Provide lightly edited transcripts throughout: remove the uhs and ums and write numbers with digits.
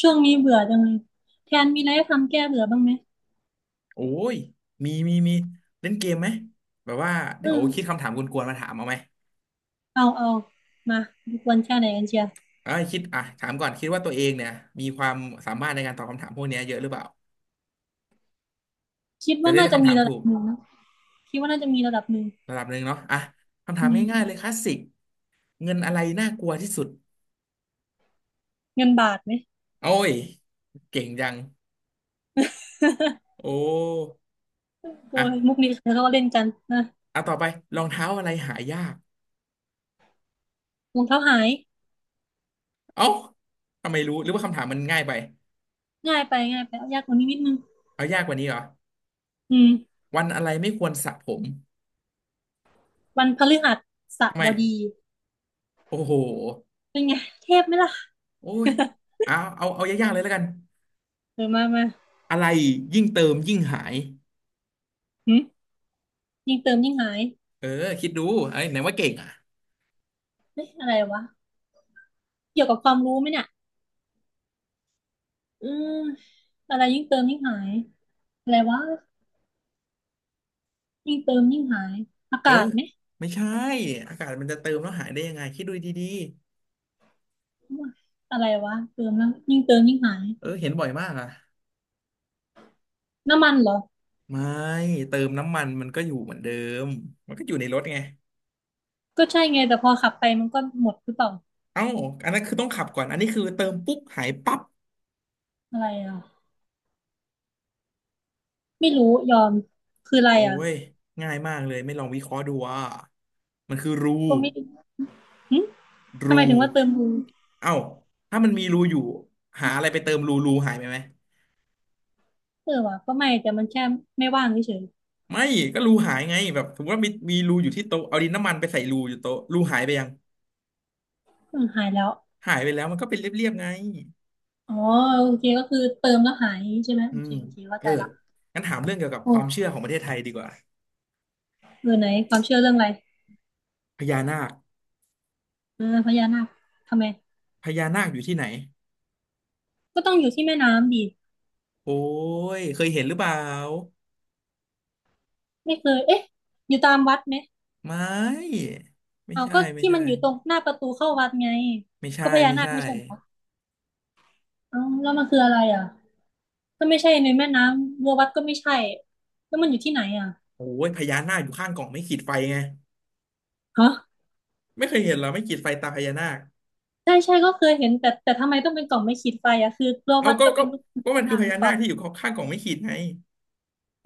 ช่วงนี้เบื่อจังเลยแทนมีอะไรให้ทำแก้เบื่อบ้างไหมโอ้ยมี มี มี เล่นเกมไหม แบบว่า เอเดี๋ยวอคิดคำถามกวนๆมาถามเอาไหมเอาเอามาดูควรแค่ไหนกันเชียวเอ้ยคิดอ่ะถามก่อนคิดว่าตัวเองเนี่ย มีความสามารถในการตอบคำถามพวกเนี้ยเยอะหรือเปล่าคิดจะว่าได้น่าเลือกจะคำมีถามระถูดับกหนึ่งนะคิดว่าน่าจะมีระดับหนึ่งระดับหนึ่งเนาะอ่ะคำถาอืมมง่ายๆเลยคลาสสิกเงินอะไรน่ากลัวที่สุดเงินบาทไหม โอ้ยเก่งจัง โอ้โอ้อ่ะยมุกนี้เดี๋ยวเขาก็เล่นกันนะเอาต่อไปรองเท้าอะไรหายากรองเท้าหายเอ้าทำไมรู้หรือว่าคำถามมันง่ายไปง่ายไปง่ายไปเอายากกว่านี้นิดนึงเอายากกว่านี้เหรออืมวันอะไรไม่ควรสระผมวันพฤหัสทำไมบดีโอ้โห เป็นไงเทพไหมล่ะโอ้ย เอาเอาเอายากๆเลยแล้วกัน เออมามาอะไรยิ่งเติมยิ่งหายหึยิ่งเติมยิ่งหายเออคิดดูไอ้ยไหนว่าเก่งอ่ะเฮ้ยอะไรวะเกี่ยวกับความรู้ไหมเนี่ยอืมอะไรยิ่งเติมยิ่งหายอะไรวะ ยิ่งเติมยิ่งหายอาเออกาศไหมไม่ใช่อากาศมันจะเติมแล้วหายได้ยังไงคิดดูดีอะไรวะเติมแล้วยิ่งเติมยิ่งหายๆเออเห็นบ่อยมากอ่ะน้ำมันเหรอไม่เติมน้ำมันมันก็อยู่เหมือนเดิมมันก็อยู่ในรถไงก็ใช่ไงแต่พอขับไปมันก็หมดหรือเปล่าเอ้าอันนั้นคือต้องขับก่อน อันนี้คือเติมปุ๊บหายปั๊บอะไรอ่ะไม่รู้ยอมคืออะไรโอ้อ่ะยง่ายมากเลยไม่ลองวิเคราะห์ดูว่ามันคือรูก็ไม่หึทำไมรูถึงว่าเติมดูเอ้าถ้ามันมีรูอยู่หาอะไรไปเติมรูรูหายไปไหม เออวะก็ไม่แต่มันแค่ไม่ว่างเฉยไม่ก็รูหายไงแบบสมมติว่ามีมีรูอยู่ที่โต๊ะเอาดินน้ำมันไปใส่รูอยู่โต๊ะรูหายไปยังๆหายแล้วหายไปแล้วมันก็เป็นเรียบๆไงอ๋อโอเคก็คือเติมแล้วหายใช่ไหมอืโอเคมโอเคเข้าเอใจอละงั้นถามเรื่องเกี่ยวกับคโอ้วามเชื่อของประเทศไทยดีกว่าเออไหนความเชื่อเรื่องอะไรพญานาคเออพญานาคทำไมพญานาคอยู่ที่ไหนก็ต้องอยู่ที่แม่น้ำดิโอ้ยเคยเห็นหรือเปล่าไม่เคยเอ๊ะอยู่ตามวัดไหม ไม่ไม่เอาใช่ก็ไม่ที่มัใช่นอยู่ตรงหน้าประตูเข้าวัดไงไม่ใช่ก็พญาไม่นาคใช่ไม่ใช่เหรอเอาแล้วมันคืออะไรอ่ะก็ไม่ใช่ในแม่น้ำรัววัดก็ไม่ใช่แล้วมันอยู่ที่ไหนอ่ะโอ้ยพญานาคอยู่ข้างกล่องไม่ขีดไฟไงฮะไม่เคยเห็นเหรอไม่ขีดไฟตาพญานาคใช่ใช่ก็เคยเห็นแต่ทำไมต้องเป็นกล่องไม่ขีดไฟอ่ะคือรัวเอาวัดก็ก็ก็เป็นรูปพญก็มันาคือนาคพหรืญาอเปนาล่าคที่อยู่ข้างกล่องไม่ขีดไง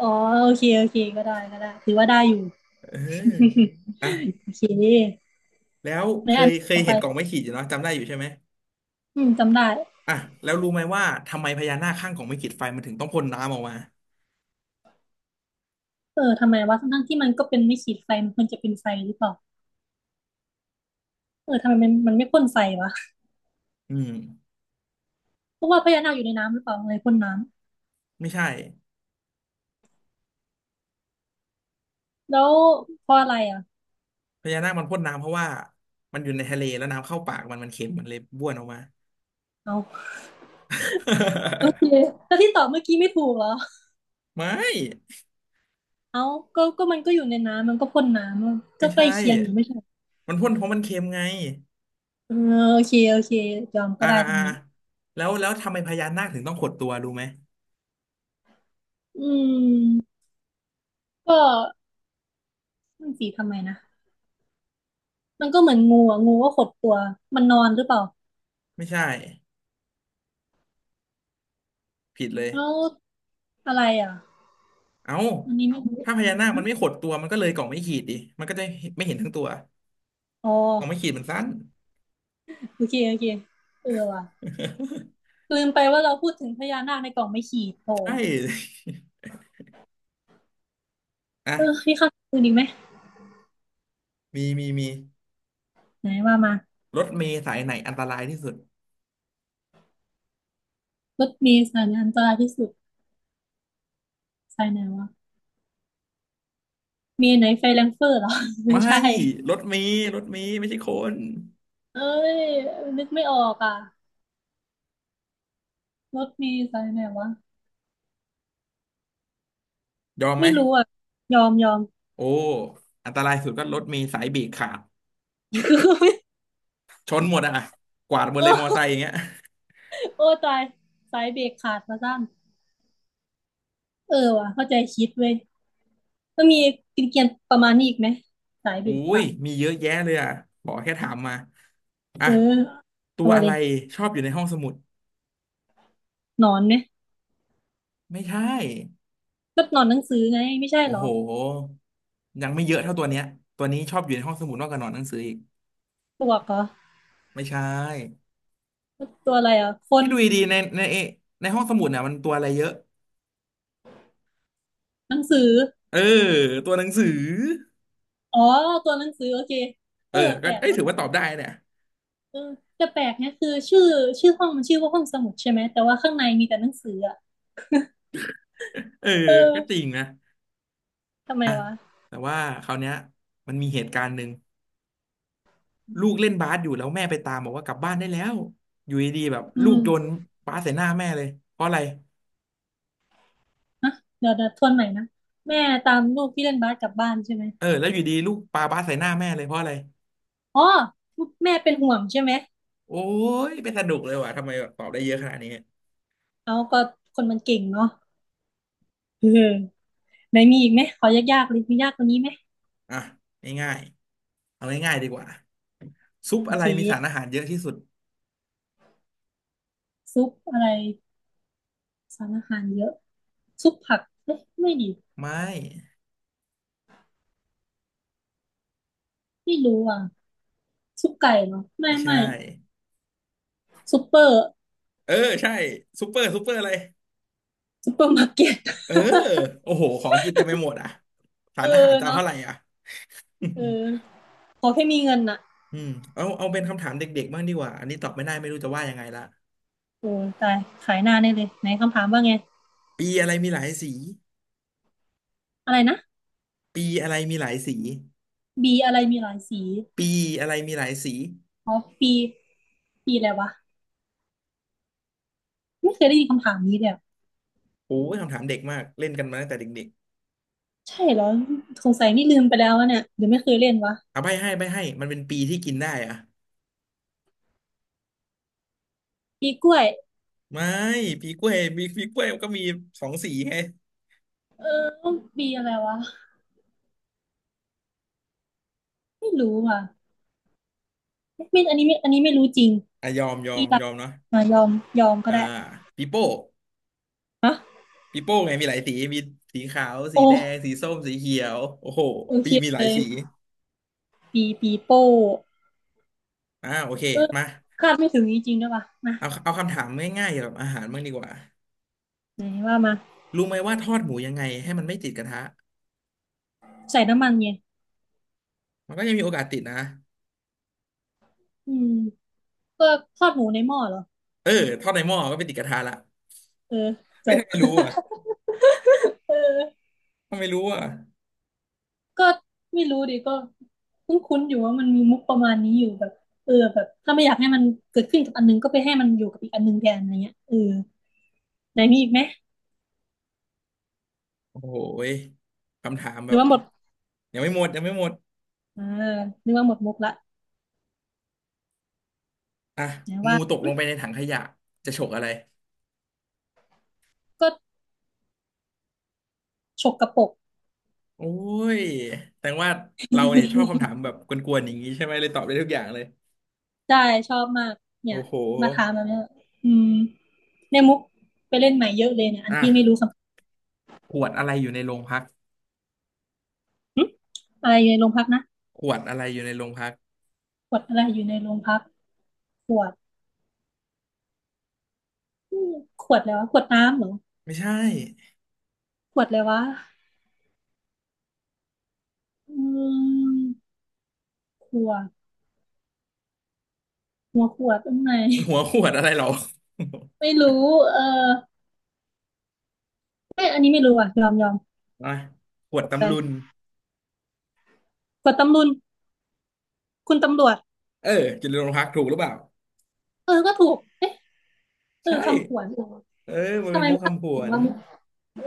อ๋อโอเคโอเคก็ได้ก็ได้ถือว่าได้อยู่ เออนะ โอเคแล้วในเคอันยเคยต่อไปเห็นกล่องไม้ขีดอยู่เนาะจำได้อยู่ใช่ไหมจำได้อ่ะแล้วรู้ไหมว่าทำไมพญานาคข้างกล่องไม้ขีดไฟมันถึงต้องพ่นน้ำออกมาเออทำไมวะทั้งๆที่มันก็เป็นไม่ขีดไฟมันควรจะเป็นไฟหรือเปล่าเออทำไมมันไม่พ่นไฟวะอืมเพราะว่าพญานาคอยู่ในน้ำหรือเปล่าอะไรพ่นน้ ไม่ใช่แล้วเพราะอะไรอ่ะพญานาคมันพ่นน้ำเพราะว่ามันอยู่ในทะเลแล้วน้ำเข้าปากมันมันเค็มมันเลยบ้วนออกมา เอาโอเคแล้วที่ตอบเมื่อกี้ไม่ถูกเหรอ ไม่เอาก็มันก็อยู่ในน้ำมันก็พ่นน้ำอะไม่ก็ใกใช่ล้เคียงอยู่ไม่ใช่เหรอมันพ่นเพราะมันเค็มไงเออโอเคโอเคยอมก็อ่าได้ตรอ่างนี้แล้วแล้วทำไมพญานาคถึงต้องขดตัวรู้ไหมอืมก็มันสีทำไมนะมันก็เหมือนงูอ่ะงูก็ขดตัวมันนอนหรือเปล่าไม่ใช่ผิดเลยแล้วอะไรอ่ะเอ้าอันนี้ไม่รู้ถ้าพญานาคมันไม่ขดตัวมันก็เลยกล่องไม่ขีดดิมันก็จะไม่เห็นทั้งตัวอ๋อกล่องไม่ขีดมันสั้น โอเคโอเคเออว่ะลืมไปว่าเราพูดถึงพญานาคในกล่องไม่ขีดโผใช่ อ่ะเออพี่ข้าคืนอีกไหมมีมีมีไหนว่ามารถเมล์สายไหนอันตรายที่สุดรถเมล์สายไหนอันตรายที่สุดสายไหนวะ มีไหนไฟแรงเฟอร์เหรอ ไม่ไม่ใช่รถเมล์รถเมล์ไม่ใช่คนเอ้ยนึกไม่ออกอ่ะรถมีสายไหนวะยอมไหมไม่รู้อ่ะยอมยอม โอ้อันตรายสุดก็รถเมล์สายเบรกขาด ชนหมดอ่ะกวาดหมดเลยมอไซค์อย่างเงี้ยโอ้ตายสายเบรกขาดมาสั้นเออว่ะเข้าใจคิดเว้ยมันมีกินเกียนๆประมาณนี้อีกไหมสายเบรอุ้กขายดมีเยอะแยะเลยอ่ะขอแค่ถามมาอ่ะเออตัเอาวมาอะเลไรยชอบอยู่ในห้องสมุดหนอนไหมไม่ใช่ก็หนอนหนังสือไงไม่ใช่โอ้เหรโหอยังไม่เยอะเท่าตัวเนี้ยตัวนี้ชอบอยู่ในห้องสมุดมากกว่านอนหนังสืออีกปลวกเหรอไม่ใช่ ตัวอะไรอ่ะคที่นดูดีๆในในในห้องสมุดเนี่ยมันตัวอะไรเยอะหนังสือเออตัวหนังสืออ๋อตัวหนังสือโอเคเอเอออแปก็ลกเอ้ยเนถืออะ ว่าตอบได้เนี่ยเออแต่แปลกเนี่ยคือชื่อชื่อห้องมันชื่อว่าห้องสมุดใช่ไหมแต่ว่าข้างในมีแต่หนังสืออ่ะเออเก็จริอองนะทำไมอ่ะวะแต่ว่าคราวเนี้ยมันมีเหตุการณ์หนึ่งลูกเล่นบาสอยู่แล้วแม่ไปตามบอกว่ากลับบ้านได้แล้วอยู่ดีๆแบบอืลูกโยนมบาสใส่หน้าแม่เลยเพราะอะไรนะเดี๋ยวเดี๋ยวทวนใหม่นะแม่ตามลูกที่เล่นบาสกลับบ้านใช่ไหมเออแล้วอยู่ดีลูกปาบาสใส่หน้าแม่เลยเพราะอะไรอ๋อแม่เป็นห่วงใช่ไหมโอ้ยเป็นสนุกเลยว่ะทำไมแบบตอบได้เยอะขนาดนี้เอาก็คนมันเก่งเนาะ เออไหนมีอีกไหมขอยากๆเลยมียากกว่านี้ไหมอ่ะง่ายๆเอาง่ายๆดีกว่าซุปโออะไรเคมีสารอาหารเยอะที่สุดซุปอะไรสารอาหารเยอะซุปผักเอ๊ะไม่ดีไม่ ไม่รู้อ่ะซุปไก่เหรอไม่ไม่ใช่ไม่ซุปเปอร์เออใช่ซูเปอร์ซูเปอร์อะไรซุปเปอร์มาร์เก็ต เออโอ้โหของกินเต็มไปหมดอ่ะ สาเอรออาหารจะเอาเนาะเท่าไหร่อ่ะ เออ ขอแค่มีเงินน่ะอืมเอาเอาเป็นคำถามเด็กๆบ้างดีกว่าอันนี้ตอบไม่ได้ไม่รู้จะว่ายังไงละโอ้ตายขายหน้าแน่เลยไหนคำถามว่าไง ปีอะไรมีหลายสี อะไรนะ ปีอะไรมีหลายสี B อะไรมีหลายสีปีอะไรมีหลายสีอ๋อ B B อะไรวะไม่เคยได้ยินคำถามนี้เลยอะโอ้ยคำถามเด็กมากเล่นกันมาตั้งแต่เด็กใช่เหรอสงสัยนี่ลืมไปแล้ววะเนี่ยหรือไม่เคยเล่นวะ ๆเอาใบให้ใบให้มันเป็นปีที่กินได้อ่ะ B กล้วยไม่ปีกล้วยมีปีกล้วยมันก็มีสองสีไงเออ B อะไรวะไม่รู้ว่ะไม่อันนี้ไม่รู้จริง อ่ะยอมยอ B ีมอะยไรอมเนาะมายอม ยอมก็อ่าได้ปีโป้ ฮะปีโป้ไงมีหลายสีมีสีขาวสีโอ้แดงสีส้มสีเขียวโอ้โหโอเคปีมีหเลลายย สี B ปีโป้อ่าโอเคเออมาคาดไม่ถึงจริงๆด้วยว่ะมาเอาเอาคำถามง่ายๆเกี่ยวกับอาหารบ้างดีกว่าไหนว่ามารู้ไหมว่าทอดหมูยังไงให้มันไม่ติดกระทะใส่น้ำมันไงมันก็ยังมีโอกาสติดนะอืม ก็ทอดหมูในหม้อเหรอเออทอดในหม้อก็ไปติดกระทะละเออจไม่บทำไมรู้อ่ะเออทำไมรู้อ่ะก็ไม่รู้ดิก็คุ้นๆอยู่ว่ามันมีมุกประมาณนี้อยู่แบบเออแบบถ้าไม่อยากให้มันเกิดขึ้นกับอันนึงก็ไปให้มันอยู่กับอีกอันนึงแทนอะไรเงี้ยเออไหนมีอีกไหมโอ้โหยคำถามหแบรือบว่าหมดยังไม่หมดยังไม่หมดอ่านึกว่าหมดมุกละอ่ะไหนงูว่าตกลงอิ๊ะไปในถังขยะจะฉกอะไรก็ฉกกระปกโอ้ยแสดงว่าเราเนี่ยชอบคำถามแบบกวนๆอย่างนี้ใช่ไหมเลยตอบได้ทุกอย่างเลยได้ชอบมากเนี่โอ้ยโห มาถามแบบเนี้ยอืมในมุกไปเล่นใหม่เยอะเลยเนี่ยอันอ่ะที่ไม่รู้คำขวดอะไรอยู่ในโรงพักหึอะไรอยู่ในโรงพักนะขวดอะไรอยู่ในโรงพักขวดอะไรอยู่ในโรงพักขวดอืมขวดแล้วะขวดน้ำเหรอ ไม่ใช่ขวดเลยวะอืมขวดหัวขวดตรงไหน หัวขวดอะไรหรอ ไม่รู้เออไม่อันนี้ไม่รู้อ่ะยอมยอม อ่ะขวขดวดอะไรตำลุนขวดตำรุนคุณตำรวจเอออยู่ในโรงพักถูกหรือเปล่าเออก็ถูกเอ๊ะเออใช่คำขวัญเออเออมันทำเป็นไมมุกภาคคำผขวองนเรามุกเออ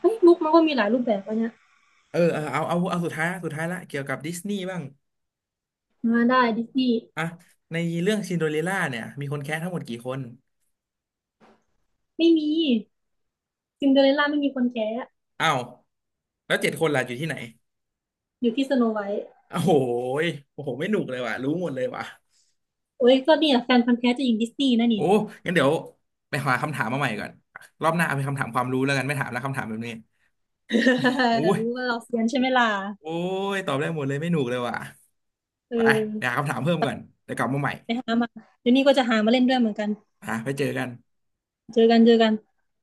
เฮ้ยมุกมันก็มีหลายรูปแบบวะเนี่ยเออเออเอาเอาเอาสุดท้ายละสุดท้ายละเกี่ยวกับดิสนีย์บ้างมาได้ดิสนีย์อ่ะในเรื่องซินโดเรลล่าเนี่ยมีคนแค้ทั้งหมดกี่คนไม่มีซินเดอเรลล่าไม่มีคนแท้อ้าวแล้วเจ็ดคนล่ะอยู่ที่ไหนอยู่ที่สโนไวท์โอ้โหยโอ้โหไม่หนุกเลยว่ะรู้หมดเลยว่ะโอ้ยก็เนี่ยแฟนพันธุ์แท้จะหญิงดิสนีย์นะนี่ โอ้งั้นเดี๋ยวไปหาคำถามมาใหม่ก่อนรอบหน้าเอาเป็นคำถามความรู้แล้วกันไม่ถามแล้วคำถามแบบนี้ โอ้ ย รู้ว่าเราเซียนใช่ไหมล่ะโอ้ย ตอบได้หมดเลยไม่หนุกเลยว่ะเอไปหาอคำถามเพิ่มก่อนเดี๋ยวกลับมาใหม่ไปหามาเดี๋ยวนี้ก็จะหามาเล่นด้วยเหมือนกัน อ่ะไปเจอกันเจอกันเจอกัน